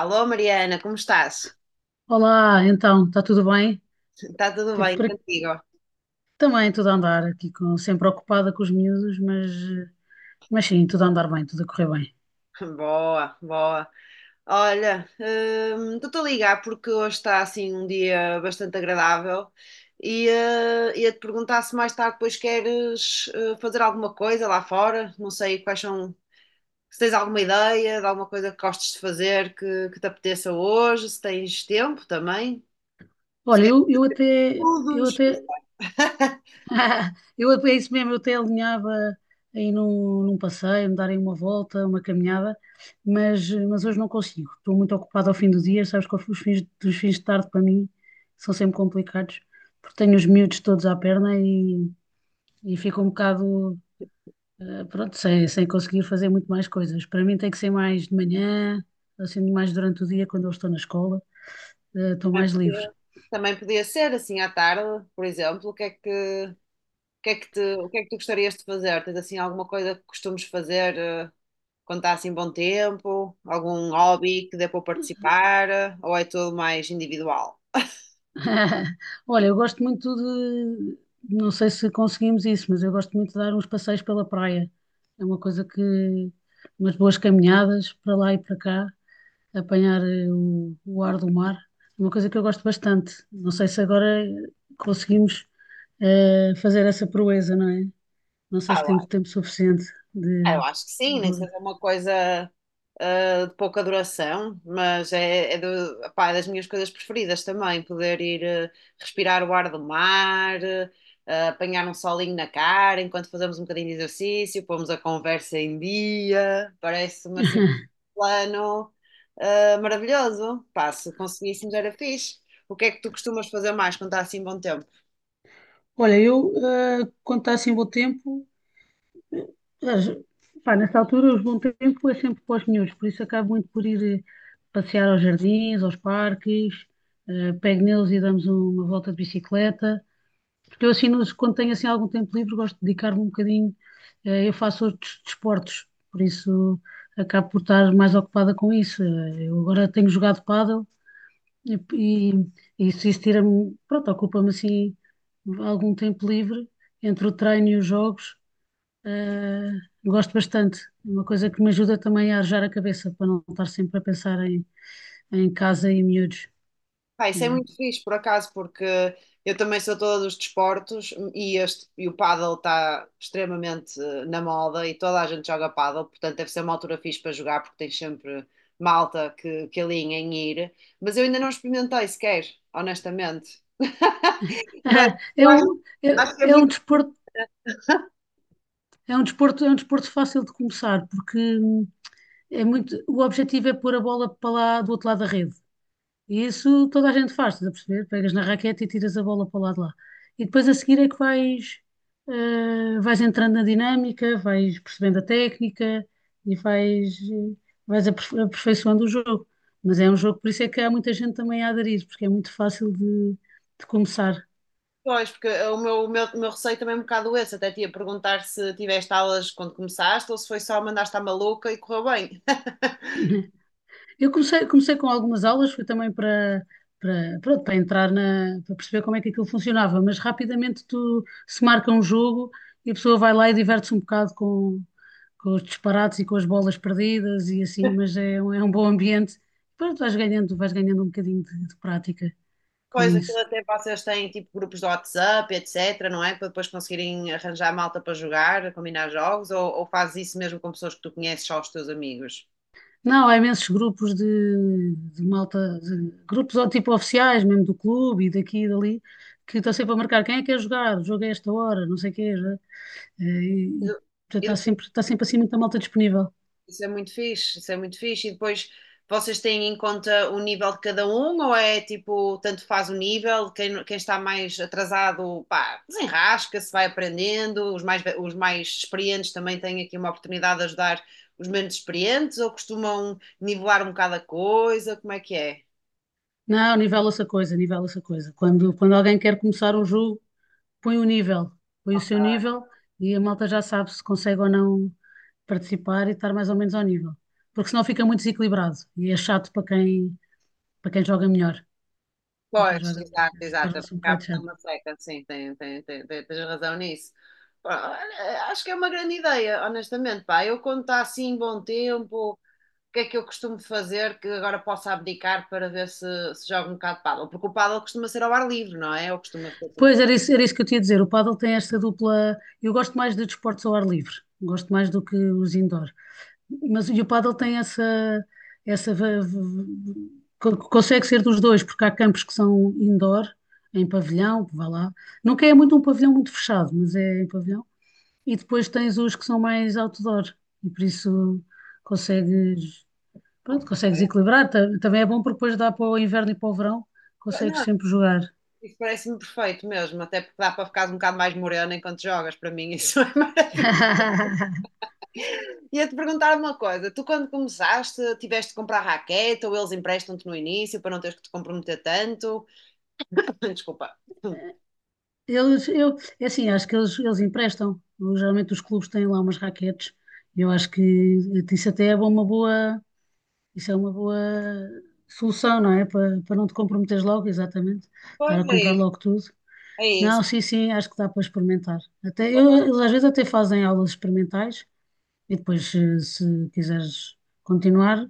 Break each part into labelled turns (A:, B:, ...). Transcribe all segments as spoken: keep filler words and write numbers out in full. A: Alô, Mariana, como estás?
B: Olá, então, está tudo bem?
A: Está tudo
B: Te-
A: bem
B: por aqui.
A: contigo?
B: Também tudo a andar aqui, com- sempre ocupada com os miúdos, mas, eh, mas sim, tudo a andar bem, tudo a correr bem.
A: Boa, boa. Olha, hum, estou-te a ligar porque hoje está assim um dia bastante agradável e eh, ia-te perguntar se mais tarde depois queres eh, fazer alguma coisa lá fora. Não sei quais são, se tens alguma ideia de alguma coisa que gostes de fazer que, que te apeteça hoje, se tens tempo também, se
B: Olha,
A: queres
B: eu, eu até, eu
A: todos.
B: até, eu até, é isso mesmo, eu até alinhava aí num, num passeio, me darem uma volta, uma caminhada, mas, eh, mas hoje não consigo, estou muito ocupada ao fim do dia, sabes que os fins, os fins de tarde para mim são sempre complicados, porque tenho os miúdos todos à perna e, e fico um bocado. Eh, pronto, sem, sem conseguir fazer muito mais coisas. Para mim tem que ser mais de manhã, assim, mais durante o dia, quando eu estou na escola, eh, estou
A: Também
B: mais livre.
A: podia Também podia ser assim à tarde, por exemplo. O que é que, O que é que te- o que é que tu gostarias de fazer? Tens assim alguma coisa que costumes fazer eh, quando está assim bom tempo? Algum hobby que dê para participar? Eh, ou é tudo mais individual?
B: Olha, eu gosto muito de, não sei se conseguimos isso, mas eu gosto muito de dar uns passeios pela praia. É uma coisa que, umas boas caminhadas para lá e para cá, apanhar eh, o, o ar do mar, é uma coisa que eu gosto bastante. Não sei se agora conseguimos eh, fazer essa proeza, não é? Não sei
A: Ah,
B: se
A: eu
B: temos
A: acho
B: tempo suficiente
A: ah, eu
B: de,
A: acho que sim, nem que
B: de-
A: seja uma coisa eh, de pouca duração, mas é, é do- pá, é das minhas coisas preferidas também, poder ir eh, respirar o ar do mar, eh, apanhar um solinho na cara enquanto fazemos um bocadinho de exercício, pomos a conversa em dia, parece-me assim plano ah, maravilhoso. Pá, se conseguíssemos era fixe. O que é que tu costumas fazer mais quando está assim bom tempo?
B: Olha, eu, eh, quando está assim bom tempo, mas, pá, nessa altura, os bom tempo é sempre para os miúdos, por isso acabo muito por ir eh, passear aos jardins, aos parques, eh, pego neles e damos um, uma volta de bicicleta. Porque eu, assim, nos- quando tenho assim algum tempo livre, gosto de dedicar-me um bocadinho. Eh, eu faço outros desportos, por isso acabo por estar mais ocupada com isso. Eh, eu agora tenho jogado pádel, E, e isso, isso tira-me, pronto, ocupa-me assim algum tempo livre entre o treino e os jogos. eh, Gosto bastante. É uma coisa que me ajuda também a arejar a cabeça para não estar sempre a pensar em, em casa e miúdos.
A: Pá, isso é
B: É.
A: muito fixe, por acaso, porque eu também sou toda dos desportos e, este, e o pádel está extremamente eh, na moda e toda a gente joga pádel, portanto deve ser uma altura fixe para jogar porque tem sempre malta que, que alinha em ir. Mas eu ainda não experimentei sequer, honestamente. Mas eu
B: É,
A: acho,
B: um,
A: acho que é
B: é, é um
A: muito.
B: desporto, é um desporto, é um desporto fácil de começar porque hum, é muito, o objetivo é pôr a bola para lá do outro lado da rede. E isso toda a gente faz, estás a perceber? Pegas na raquete e tiras a bola para o lado de lá. E depois a seguir é que vais, eh, vais entrando na dinâmica, vais percebendo a técnica e vais, eh, vais aperfo- aperfeiçoando o jogo. Mas é um jogo, por isso é que há muita gente também a aderir, porque é muito fácil de, de começar.
A: Pois, porque o meu, o meu, o meu receio também é um bocado esse. Até te ia perguntar se tiveste aulas quando começaste ou se foi só mandaste à maluca e correu bem.
B: Eu comecei, comecei com algumas aulas, foi também para, para, pronto, para entrar na, para perceber como é que aquilo funcionava, mas rapidamente tu se marca um jogo e a pessoa vai lá e diverte-se um bocado com, com os disparates e com as bolas perdidas e assim, mas é, um- é um bom ambiente. Pronto, vais ganhando, vais ganhando um bocadinho de, de prática com
A: Pois, aquilo
B: isso.
A: até vocês têm tipo grupos de WhatsApp, etc, não é? Para depois conseguirem arranjar malta para jogar, combinar jogos, ou, ou fazes isso mesmo com pessoas que tu conheces, só os teus amigos?
B: Não, há imensos grupos de, de malta, de grupos ou tipo oficiais, mesmo do clube e daqui e dali, que estão sempre a marcar quem é que quer jogar, o jogo é esta hora, não sei o quê. Eh, E, e portanto,
A: E
B: está sempre, está sempre assim muita malta disponível.
A: isso é muito fixe, isso é muito fixe. E depois vocês têm em conta o nível de cada um, ou é tipo, tanto faz o nível, quem, quem está mais atrasado, pá, desenrasca-se, vai aprendendo, os mais, ve- os mais experientes também têm aqui uma oportunidade de ajudar os menos experientes, ou costumam nivelar um bocado a coisa, como é que é?
B: Não, nivela essa coisa, nivela essa coisa. Quando, quando alguém quer começar um jogo, põe o nível, põe o
A: Ok.
B: seu nível e a malta já sabe se consegue ou não participar e estar mais ou menos ao nível. Porque senão fica muito desequilibrado e é chato para quem, para quem joga melhor. Para quem
A: Pois,
B: joga melhor,
A: exato, exato,
B: torna-se um
A: cá
B: bocado
A: está
B: chato.
A: uma seca, sim, tem, tem, tem, tem- tens razão nisso. Pá, olha, acho que é uma grande ideia, honestamente, pá, eu quando está assim, bom tempo. O que é que eu costumo fazer que agora possa abdicar para ver se, se jogo um bocado de pádel? Porque o pádel costuma ser ao ar livre, não é? Ou costuma ser...
B: Pois era isso, era isso que eu tinha a dizer. O pádel tem esta dupla. Eu gosto mais de desportos ao ar livre, gosto mais do que os indoor. Mas e o pádel tem essa, essa va- v- v- co- consegue ser dos dois, porque há campos que são indoor, em pavilhão, vá lá. Nunca é muito um pavilhão muito fechado, mas é em pavilhão. E depois tens os que são mais outdoor, e por isso consegues, pronto, consegues equilibrar. Ta- Também é bom porque depois dá para o inverno e para o verão, consegues
A: Não,
B: sempre jogar.
A: isso parece-me perfeito mesmo, até porque dá para ficar um bocado mais morena enquanto jogas, para mim isso é maravilhoso. Ia-te perguntar uma coisa, tu quando começaste, tiveste de comprar raquete ou eles emprestam-te no início para não teres que te comprometer tanto? Desculpa.
B: Eles, eu, é assim, acho que eles, eles emprestam. Geralmente os clubes têm lá umas raquetes. Eu acho que eh, isso até é uma boa, isso é uma boa solução, não é? Para, para não te comprometeres logo, exatamente. Estar
A: Pois
B: a
A: é,
B: comprar
A: isso,
B: logo tudo.
A: é
B: Não,
A: isso.
B: sim, sim, acho que dá para experimentar. Até, eu, eles às vezes até fazem aulas experimentais e depois, se, se quiseres continuar,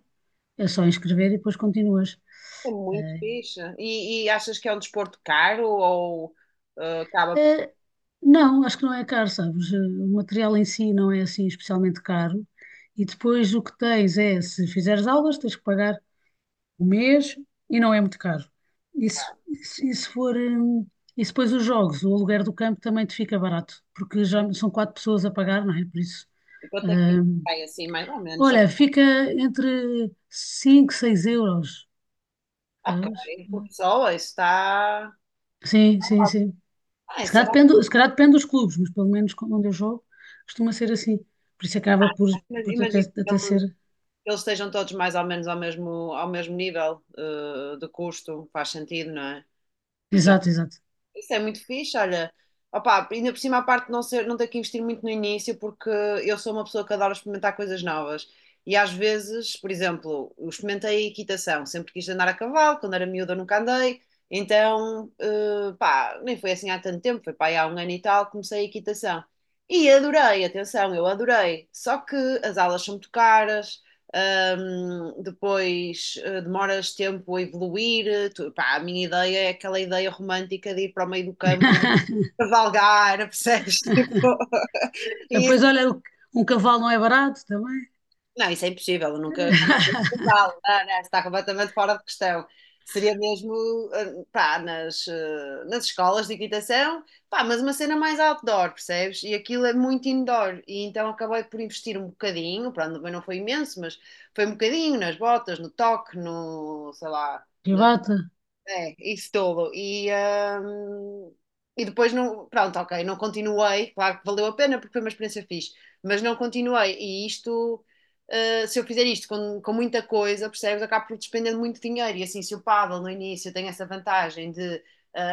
B: é só inscrever e depois continuas.
A: É muito
B: Eh,
A: fixe. E, e achas que é um desporto caro ou eh, acaba
B: Eh, não, acho que não é caro, sabes? Eh, O material em si não é assim especialmente caro. E depois o que tens é, se fizeres aulas, tens que pagar o mês e não é muito caro. Isso, isso, isso for, hum, e se depois os jogos, o aluguer do campo também te fica barato, porque já são quatro pessoas a pagar, não é? Por isso.
A: eu tenho que
B: hum,
A: ficar assim, mais ou menos, só
B: Olha, fica entre cinco, seis euros,
A: ok,
B: sabes?
A: por pessoa, isso está.
B: Sim, sim, sim.
A: Ah,
B: Se
A: isso é
B: calhar
A: ok,
B: depende, se calhar depende dos clubes, mas pelo menos onde eu jogo costuma ser assim. Por isso acaba por,
A: mas
B: por até,
A: imagino
B: até ser.
A: que eles estejam todos mais ou menos ao mesmo, ao mesmo nível eh, de custo, faz sentido, não é?
B: Exato, exato.
A: Isso é muito fixe, olha. Opa, ainda por cima a parte de não ser, não ter que investir muito no início, porque eu sou uma pessoa que adora experimentar coisas novas. E às vezes, por exemplo, eu experimentei equitação, sempre quis andar a cavalo, quando era miúda nunca andei, então, eh, pá, nem foi assim há tanto tempo, foi pá, aí há um ano e tal, comecei a equitação. E adorei, atenção, eu adorei. Só que as aulas são muito caras, um, depois uh, demoras tempo a evoluir. Eh, Tu- pá, a minha ideia é aquela ideia romântica de ir para o meio do campo cavalgar, percebes? Tipo, isso.
B: Depois, olha, o- um cavalo não é barato também.
A: Não, isso é impossível, eu nunca não vale, não, não, está completamente fora de questão. Seria mesmo, eh, pá, nas, eh, nas escolas de equitação, pá, mas uma cena mais outdoor, percebes? E aquilo é muito indoor, e então acabei por investir um bocadinho, pronto, também não foi imenso, mas foi um bocadinho nas botas, no toque, no, sei lá,
B: Privata.
A: é, isso dolo. E, hum, e depois não, pronto, ok, não continuei, claro que valeu a pena porque foi uma experiência fixe, mas não continuei. E isto, uh, se eu fizer isto com, com muita coisa, percebes, acabo por despender muito dinheiro. E assim, se o pádel no início tem essa vantagem de uh,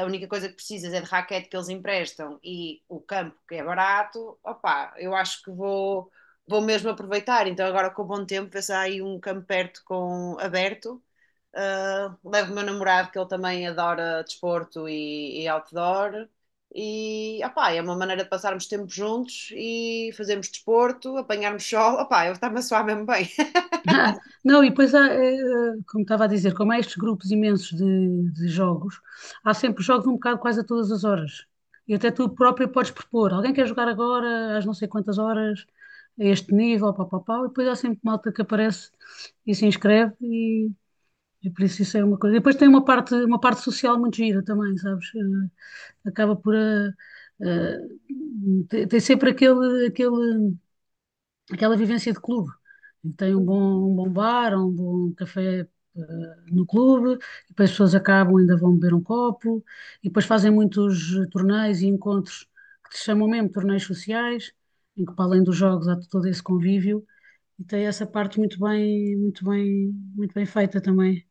A: a única coisa que precisas é de raquete que eles emprestam e o campo que é barato, opá, eu acho que vou, vou mesmo aproveitar. Então agora com o bom tempo, ver se há aí um campo perto com, aberto. Uh, levo o meu namorado, que ele também adora desporto e, e outdoor. E opá, é uma maneira de passarmos tempo juntos e fazermos desporto, apanharmos sol. Opá, eu estava a suar mesmo bem.
B: Ah, não, e depois, há, eh, como estava a dizer, como há estes grupos imensos de, de jogos, há sempre jogos um bocado quase a todas as horas. E até tu próprio podes propor. Alguém quer jogar agora, às não sei quantas horas, a este nível, pá, pá, pá. E depois há sempre malta que aparece e se inscreve e E por isso isso é uma coisa. Depois tem uma parte, uma parte social muito gira também, sabes? Eh, Acaba por. eh, eh, Tem sempre aquele, aquele, aquela vivência de clube. Tem um
A: Uhum.
B: bom, um bom bar, um bom café. eh, No clube, e depois as pessoas acabam, ainda vão beber um copo, e depois fazem muitos torneios e encontros que se chamam mesmo torneios sociais, em que para além dos jogos há todo esse convívio, e tem essa parte muito bem, muito bem, muito bem feita também.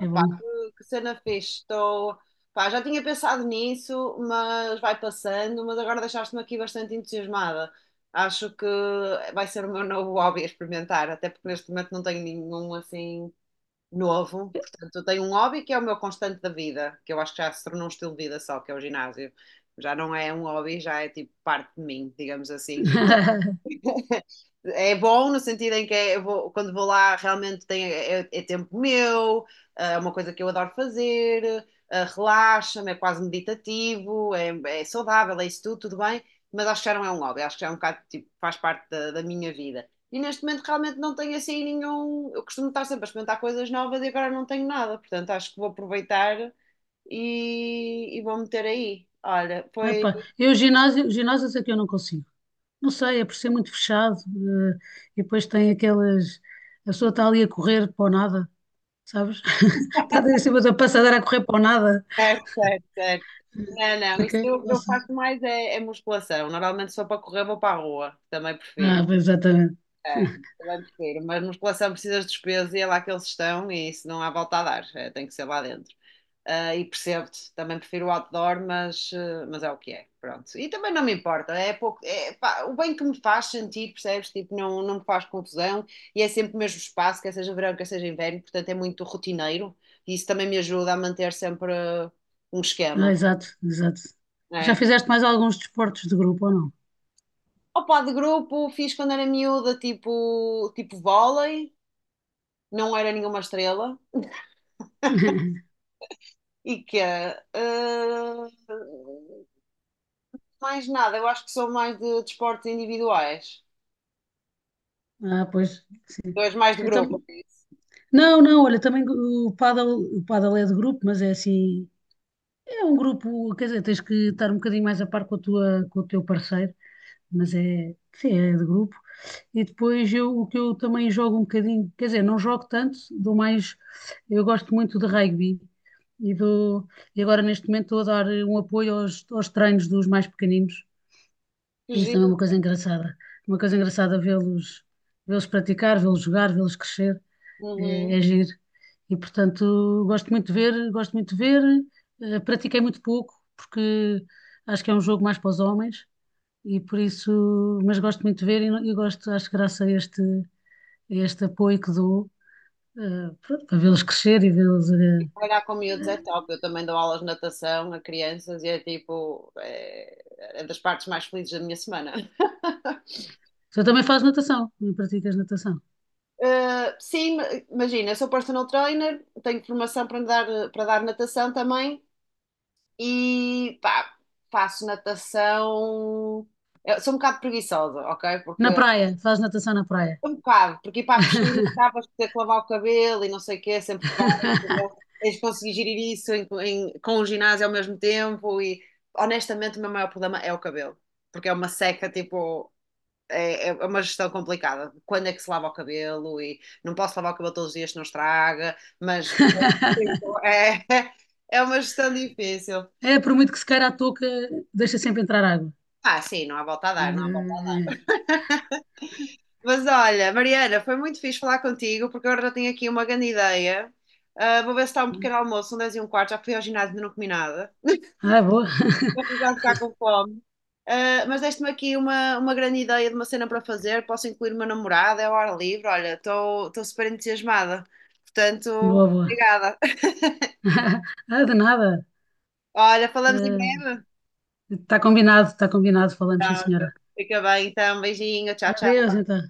B: É bom.
A: que, que cena fixe. Estou, pá, já tinha pensado nisso, mas vai passando. Mas agora deixaste-me aqui bastante entusiasmada. Acho que vai ser o meu novo hobby a experimentar, até porque neste momento não tenho nenhum assim novo. Portanto, eu tenho um hobby que é o meu constante da vida, que eu acho que já se tornou um estilo de vida só, que é o ginásio. Já não é um hobby, já é tipo parte de mim, digamos assim. É bom no sentido em que é, eu vou- quando vou lá realmente tem, é, é é tempo meu, é uma coisa que eu adoro fazer, eh, relaxa-me, é quase meditativo, é, é saudável, é isso tudo, tudo bem, mas acho que já não é um hobby, acho que já é um bocado, tipo, faz parte da, da minha vida. E neste momento realmente não tenho assim nenhum. Eu costumo estar sempre a experimentar coisas novas e agora não tenho nada, portanto acho que vou aproveitar e, e vou meter aí. Olha, foi
B: Epá, eu ginásio, ginásios é que eu não consigo. Não sei, é por ser muito fechado, eh, e depois tem aquelas. A pessoa está ali a correr para o nada, sabes? Está ali em cima da passadeira a correr para o nada.
A: certo, certo, certo. Não, não,
B: Para
A: isso
B: quê?
A: eu,
B: Não
A: eu
B: sei.
A: faço mais é, é musculação. Normalmente só para correr vou para a rua, também prefiro.
B: Ah, pois, exatamente.
A: É, também prefiro, mas musculação precisas de despesa e é lá que eles estão e isso não há volta a dar, é, tem que ser lá dentro. Ah, e percebo-te, também prefiro o outdoor, mas, eh, mas é o que é, pronto. E também não me importa, é pouco, é, pá, o bem que me faz sentir, percebes? Tipo, não, não me faz confusão e é sempre o mesmo espaço, quer seja verão, quer seja inverno, portanto é muito rotineiro e isso também me ajuda a manter sempre eh, um
B: Ah,
A: esquema.
B: exato, exato. Já
A: É.
B: fizeste mais alguns desportos de grupo ou não?
A: Opa, de grupo fiz quando era miúda, tipo, tipo vôlei, não era nenhuma estrela. E que é, ah, mais nada, eu acho que sou mais de desportos individuais.
B: Ah, pois,
A: Tu
B: sim.
A: és mais de
B: Eu
A: grupo,
B: tam...
A: é isso?
B: Não, não, olha, também o paddle o paddle é de grupo, mas é assim, é um grupo, quer dizer, tens que estar um bocadinho mais a par com a tua, com o teu parceiro, mas é, sim, é de grupo. E depois eu, o que eu também jogo um bocadinho, quer dizer, não jogo tanto, dou mais, eu gosto muito de rugby e dou, e agora neste momento estou a dar um apoio aos, aos treinos dos mais pequeninos.
A: Que
B: Isso
A: giro.
B: também é uma coisa engraçada, uma coisa engraçada vê-los, vê-los praticar, vê-los jogar, vê-los crescer é, é
A: Uhum.
B: giro. E portanto, gosto muito de ver, gosto muito de ver. Eh, pratiquei muito pouco, porque acho que é um jogo mais para os homens, e por isso, mas gosto muito de ver e, não- e gosto, acho que graças a este, a este apoio que dou, eh, pronto, para vê-los crescer e vê-los. eh,
A: E trabalhar com miúdos é
B: eh,
A: top. Eu também dou aulas de natação a crianças e é tipo, é, é das partes mais felizes da minha semana.
B: Tu também fazes natação, também praticas natação.
A: Uh, sim, ma- imagina, eu sou personal trainer, tenho formação para dar, para dar natação também e pá, faço natação. Eu sou um bocado preguiçosa, ok?
B: Na
A: Porque
B: praia, fazes natação na praia.
A: um bocado, porque ir para a piscina acabas por ter que lavar o cabelo e não sei o quê, sempre que vais, então tens de conseguir gerir isso em- em- com o ginásio ao mesmo tempo e honestamente o meu maior problema é o cabelo, porque é uma seca, tipo, é, é é uma gestão complicada. Quando é que se lava o cabelo e não posso lavar o cabelo todos os dias, não estraga, mas tipo, é, é uma gestão difícil.
B: É, por muito que se queira a touca, deixa sempre entrar água.
A: Ah, sim, não há volta a
B: Eh,
A: dar, não há volta
B: eh,
A: a dar.
B: eh.
A: Mas olha, Mariana, foi muito fixe falar contigo, porque agora já tenho aqui uma grande ideia. Ah, vou ver se está um pequeno almoço, são dez e um quarto, já fui ao ginásio e ainda não comi nada.
B: Ah, boa,
A: Vou precisar ficar com fome. Ah, mas deste-me aqui uma, uma grande ideia de uma cena para fazer, posso incluir uma namorada, é ao ar livre, olha, estou estou super entusiasmada. Portanto,
B: boa, boa.
A: obrigada.
B: Ah, de nada.
A: Olha, falamos em breve.
B: Está combinado, está combinado. Falamos, sim,
A: Tá,
B: senhora.
A: fica bem então, beijinho, tchau,
B: Adeus,
A: tchau.
B: então.